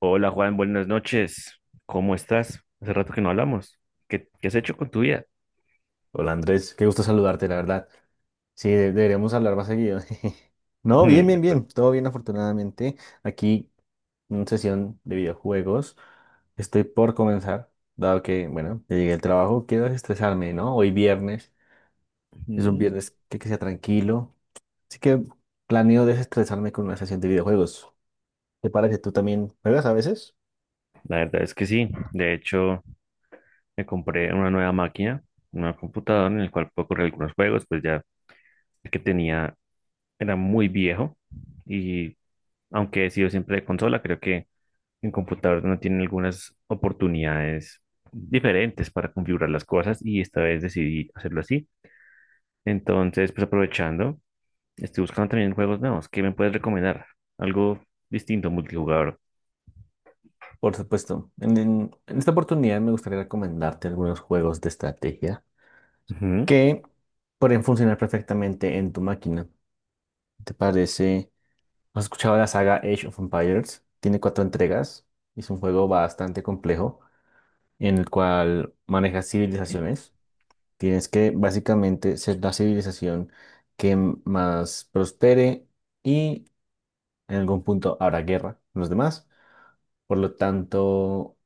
Hola Juan, buenas noches. ¿Cómo estás? Hace rato que no hablamos. ¿Qué has hecho con tu vida? Hola Andrés, qué gusto saludarte, la verdad. Sí, deberíamos hablar más seguido. No, Mm, bien, bien, pues, bien. Todo bien, afortunadamente. Aquí, una sesión de videojuegos. Estoy por comenzar, dado que, bueno, ya llegué al trabajo, quiero desestresarme, ¿no? Hoy viernes, es un mm, viernes que sea tranquilo. Así que planeo desestresarme con una sesión de videojuegos. ¿Te parece? ¿Tú también juegas a veces? La verdad es que sí. De hecho, me compré una nueva máquina, una computadora en la cual puedo correr algunos juegos, pues ya el que tenía era muy viejo y aunque he sido siempre de consola, creo que en computador no tienen algunas oportunidades diferentes para configurar las cosas y esta vez decidí hacerlo así. Entonces, pues aprovechando. Estoy buscando también juegos nuevos. ¿Qué me puedes recomendar? Algo distinto, multijugador. Por supuesto. En esta oportunidad me gustaría recomendarte algunos juegos de estrategia Ujú. que pueden funcionar perfectamente en tu máquina. ¿Te parece? ¿Has escuchado la saga Age of Empires? Tiene cuatro entregas. Es un juego bastante complejo en el cual manejas Ok. civilizaciones. Tienes que básicamente ser la civilización que más prospere y en algún punto habrá guerra con los demás. Por lo tanto,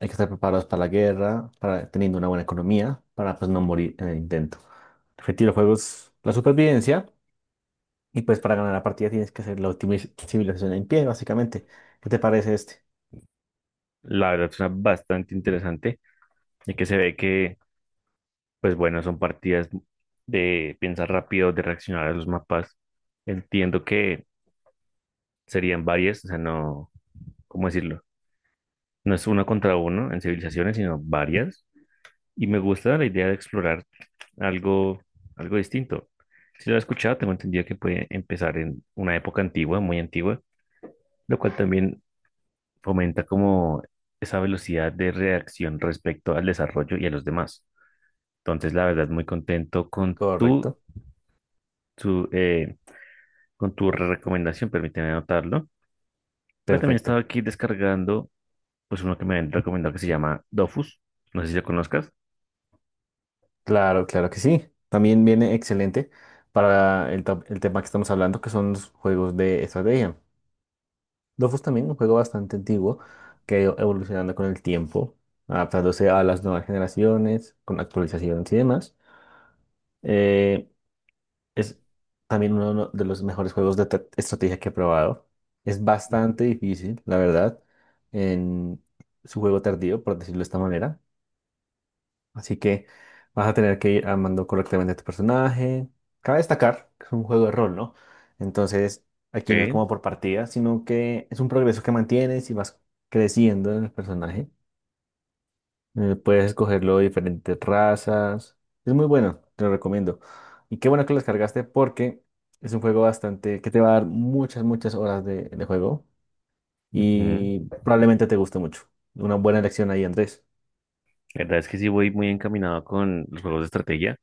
hay que estar preparados para la guerra, para teniendo una buena economía, para pues, no morir en el intento. El objetivo del juego es la supervivencia. Y pues para ganar la partida tienes que hacer la última civilización en pie, básicamente. ¿Qué te parece este? La verdad suena bastante interesante, ya que se ve que, pues bueno, son partidas de pensar rápido, de reaccionar a los mapas. Entiendo que serían varias, o sea, no, ¿cómo decirlo? No es uno contra uno en civilizaciones, sino varias. Y me gusta la idea de explorar algo, algo distinto. Si lo he escuchado, tengo entendido que puede empezar en una época antigua, muy antigua, lo cual también fomenta como esa velocidad de reacción respecto al desarrollo y a los demás. Entonces, la verdad, muy contento con Correcto. tu, eh, con tu recomendación, permíteme anotarlo. Pero también estaba Perfecto. aquí descargando, pues uno que me han recomendado que se llama Dofus. No sé si lo conozcas. Claro, claro que sí. También viene excelente para el tema que estamos hablando, que son los juegos de estrategia. Dofus también, un juego bastante antiguo que ha ido evolucionando con el tiempo, adaptándose a las nuevas generaciones, con actualizaciones y demás. Eh, Es también uno de los mejores juegos de estrategia que he probado. Es bastante Ujú. difícil, la verdad, en su juego tardío, por decirlo de esta manera. Así que vas a tener que ir armando correctamente a tu personaje. Cabe destacar que es un juego de rol, ¿no? Entonces, aquí no es como Ok. por partida, sino que es un progreso que mantienes y vas creciendo en el personaje. Puedes escogerlo de diferentes razas. Es muy bueno, te lo recomiendo. Y qué bueno que lo descargaste porque es un juego bastante que te va a dar muchas, muchas horas de juego Ujú. y probablemente te guste mucho. Una buena elección ahí, Andrés. La verdad es que sí voy muy encaminado con los juegos de estrategia.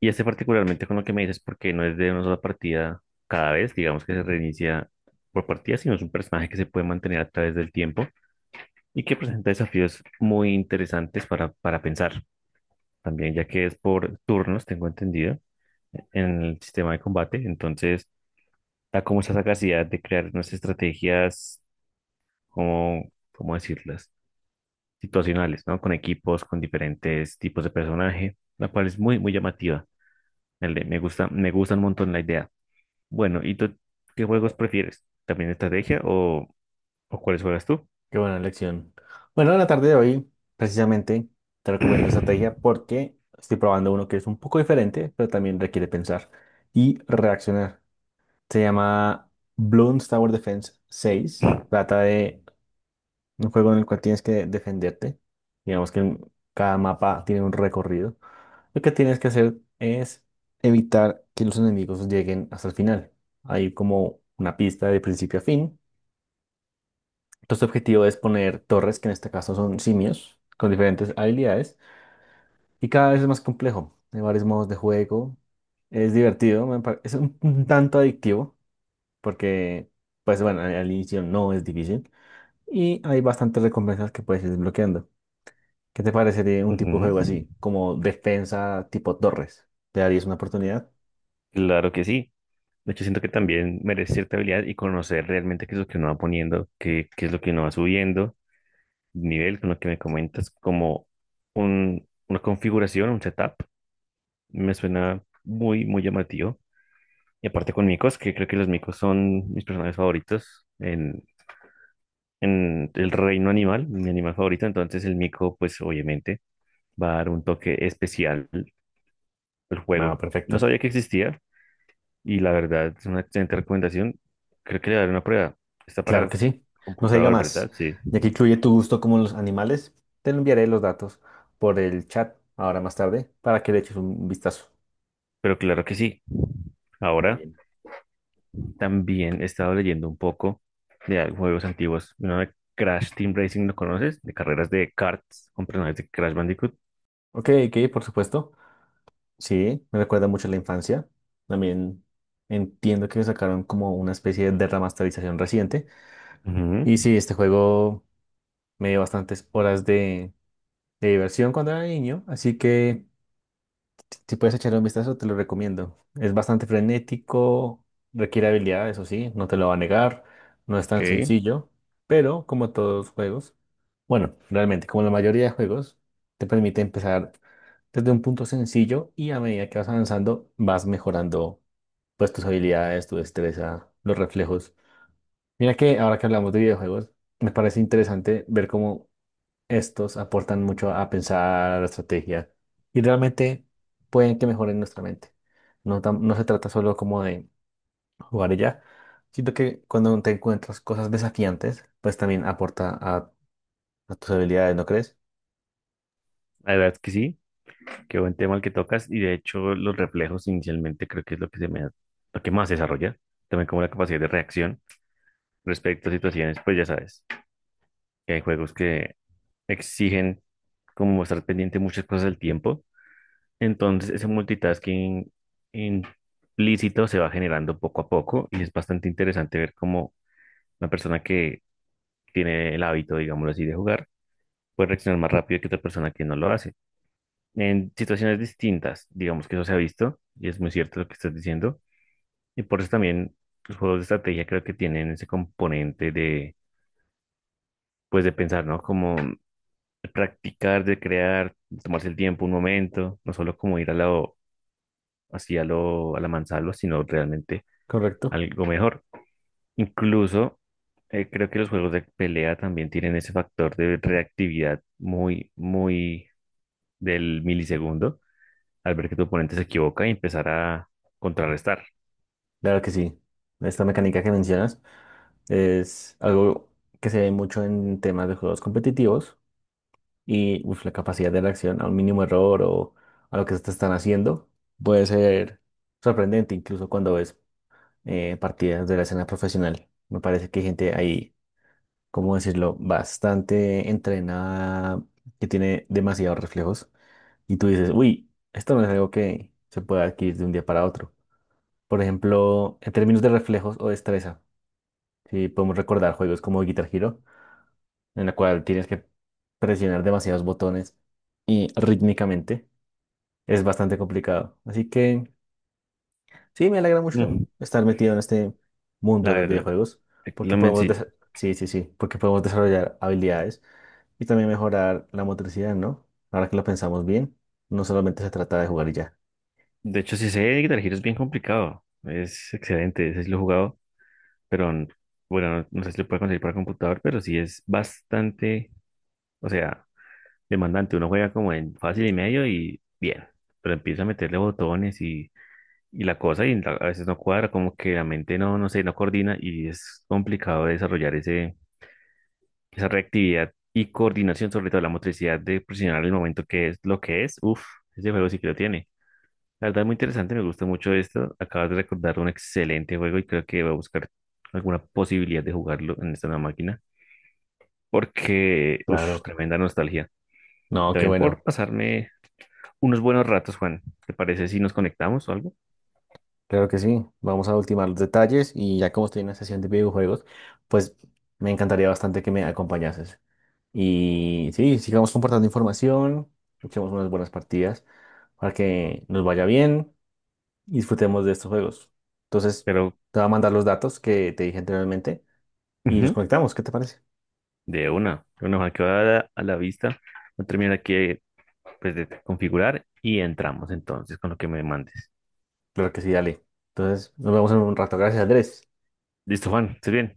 Y este particularmente con lo que me dices, porque no es de una sola partida cada vez, digamos que se reinicia por partida, sino es un personaje que se puede mantener a través del tiempo y que presenta desafíos muy interesantes para pensar también, ya que es por turnos, tengo entendido, en el sistema de combate. Entonces, da como esa capacidad de crear unas estrategias, como, ¿cómo decirlas? Situacionales, ¿no? Con equipos, con diferentes tipos de personaje, la cual es muy, muy llamativa. Me gusta, me gusta un montón la idea. Bueno, ¿y tú qué juegos prefieres? ¿También estrategia o cuáles juegas tú? Qué buena elección. Bueno, en la tarde de hoy, precisamente, te recomiendo estrategia porque estoy probando uno que es un poco diferente, pero también requiere pensar y reaccionar. Se llama Bloons Tower Defense 6. Trata de un juego en el cual tienes que defenderte. Digamos que cada mapa tiene un recorrido. Lo que tienes que hacer es evitar que los enemigos lleguen hasta el final. Hay como una pista de principio a fin. Entonces, tu objetivo es poner torres, que en este caso son simios, con diferentes habilidades. Y cada vez es más complejo. Hay varios modos de juego. Es divertido. Es un tanto adictivo. Porque, pues bueno, al inicio no es difícil. Y hay bastantes recompensas que puedes ir desbloqueando. ¿Qué te parecería un tipo de Ujú, juego así, como defensa tipo Torres? ¿Te darías una oportunidad? claro que sí. De hecho, siento que también merece cierta habilidad y conocer realmente qué es lo que uno va poniendo, qué es lo que uno va subiendo, nivel con lo que me comentas, como un, una configuración, un setup, me suena muy, muy llamativo. Y aparte con micos, que creo que los micos son mis personajes favoritos en el reino animal, mi animal favorito, entonces el mico, pues obviamente va a dar un toque especial al No, juego. No perfecto. sabía que existía y la verdad es una excelente recomendación. Creo que le daré una prueba. Está Claro para que sí. No se diga computador, más. ¿verdad? Sí, Ya que incluye tu gusto como los animales, te lo enviaré los datos por el chat ahora más tarde para que le eches un vistazo. pero claro que sí. Muy Ahora bien. también he estado leyendo un poco de al- juegos antiguos. Uno de Crash Team Racing, ¿lo conoces? De carreras de karts con personajes de Crash Bandicoot. Ok, ok, por supuesto. Sí, me recuerda mucho a la infancia. También entiendo que me sacaron como una especie de remasterización reciente. Ujú, Y sí, este juego me dio bastantes horas de diversión cuando era niño, así que si puedes echarle un vistazo, te lo recomiendo. Es bastante frenético, requiere habilidad, eso sí, no te lo va a negar, no es ok, tan la sencillo, pero como todos los juegos, bueno, realmente como la mayoría de juegos, te permite empezar desde un punto sencillo y a medida que vas avanzando, vas mejorando pues tus habilidades, tu destreza, los reflejos. Mira que ahora que hablamos de videojuegos, me parece interesante ver cómo estos aportan mucho a pensar a la estrategia y realmente pueden que mejoren nuestra mente. No, no se trata solo como de jugar y ya, sino que cuando te encuentras cosas desafiantes, pues también aporta a tus habilidades, ¿no crees? verdad es que sí, qué buen tema el que tocas y de hecho los reflejos inicialmente creo que es lo que se me da- lo que más se desarrolla, también como la capacidad de reacción respecto a situaciones, pues ya sabes, que hay juegos que exigen como estar pendiente de muchas cosas al tiempo. Entonces, ese multitasking implícito se va generando poco a poco y es bastante interesante ver cómo una persona que tiene el hábito, digámoslo así, de jugar, puede reaccionar más rápido que otra persona que no lo hace. En situaciones distintas, digamos que eso se ha visto y es muy cierto lo que estás diciendo. Y por eso también los juegos de estrategia creo que tienen ese componente de, pues, de pensar, ¿no? Como de practicar, de crear, de tomarse el tiempo un momento, no solo como ir a lo, así a lo, a la mansalva, sino realmente Correcto. algo mejor. Incluso creo que los juegos de pelea también tienen ese factor de reactividad muy, muy del milisegundo, al ver que tu oponente se equivoca y empezar a contrarrestar. Claro que sí. Esta mecánica que mencionas es algo que se ve mucho en temas de juegos competitivos y uf, la capacidad de reacción a un mínimo error o a lo que te están haciendo puede ser sorprendente incluso cuando ves partidas de la escena profesional. Me parece que hay gente ahí, ¿cómo decirlo?, bastante entrenada, que tiene demasiados reflejos. Y tú dices, uy, esto no es algo que se pueda adquirir de un día para otro. Por ejemplo, en términos de reflejos o destreza, si podemos recordar juegos como Guitar Hero, en la cual tienes que presionar demasiados botones y rítmicamente, es bastante complicado. Así que… Sí, me alegra mucho Mm, estar metido en este mundo La de los verdad, videojuegos, porque lo podemos, menci- desa- sí, sí, sí, porque podemos desarrollar habilidades y también mejorar la motricidad, ¿no? Ahora que lo pensamos bien, no solamente se trata de jugar y ya. de hecho, si sé Guitar Hero es bien complicado. Es excelente, ese sí lo he jugado. Pero n- bueno, no, no sé si lo puede conseguir para computador, pero sí es bastante, o sea, demandante. Uno juega como en fácil y medio y bien, pero empieza a meterle botones y la cosa y la- a veces no cuadra, como que la mente no, no sé, no coordina y es complicado desarrollar ese, esa reactividad y coordinación, sobre todo la motricidad de presionar el momento que es lo que es. Uf, ese juego sí que lo tiene. La verdad, muy interesante, me gusta mucho esto. Acabas de recordar un excelente juego y creo que voy a buscar alguna posibilidad de jugarlo en esta nueva máquina, porque, uff, Claro. tremenda nostalgia. Y No, qué también por bueno. pasarme unos buenos ratos, Juan. ¿Te parece si nos conectamos o algo? Claro que sí. Vamos a ultimar los detalles y ya como estoy en la sesión de videojuegos, pues me encantaría bastante que me acompañases. Y sí, sigamos compartiendo información, luchemos unas buenas partidas para que nos vaya bien y disfrutemos de estos juegos. Entonces, Pero, te voy a mandar los datos que te dije anteriormente y nos ujú, conectamos. ¿Qué te parece? De una, Juan, que va a la vista. Voy a terminar aquí, pues, de configurar y entramos entonces con lo que me mandes. Claro que sí, dale. Entonces, nos vemos en un rato. Gracias, Andrés. Listo, Juan, ¿estás bien?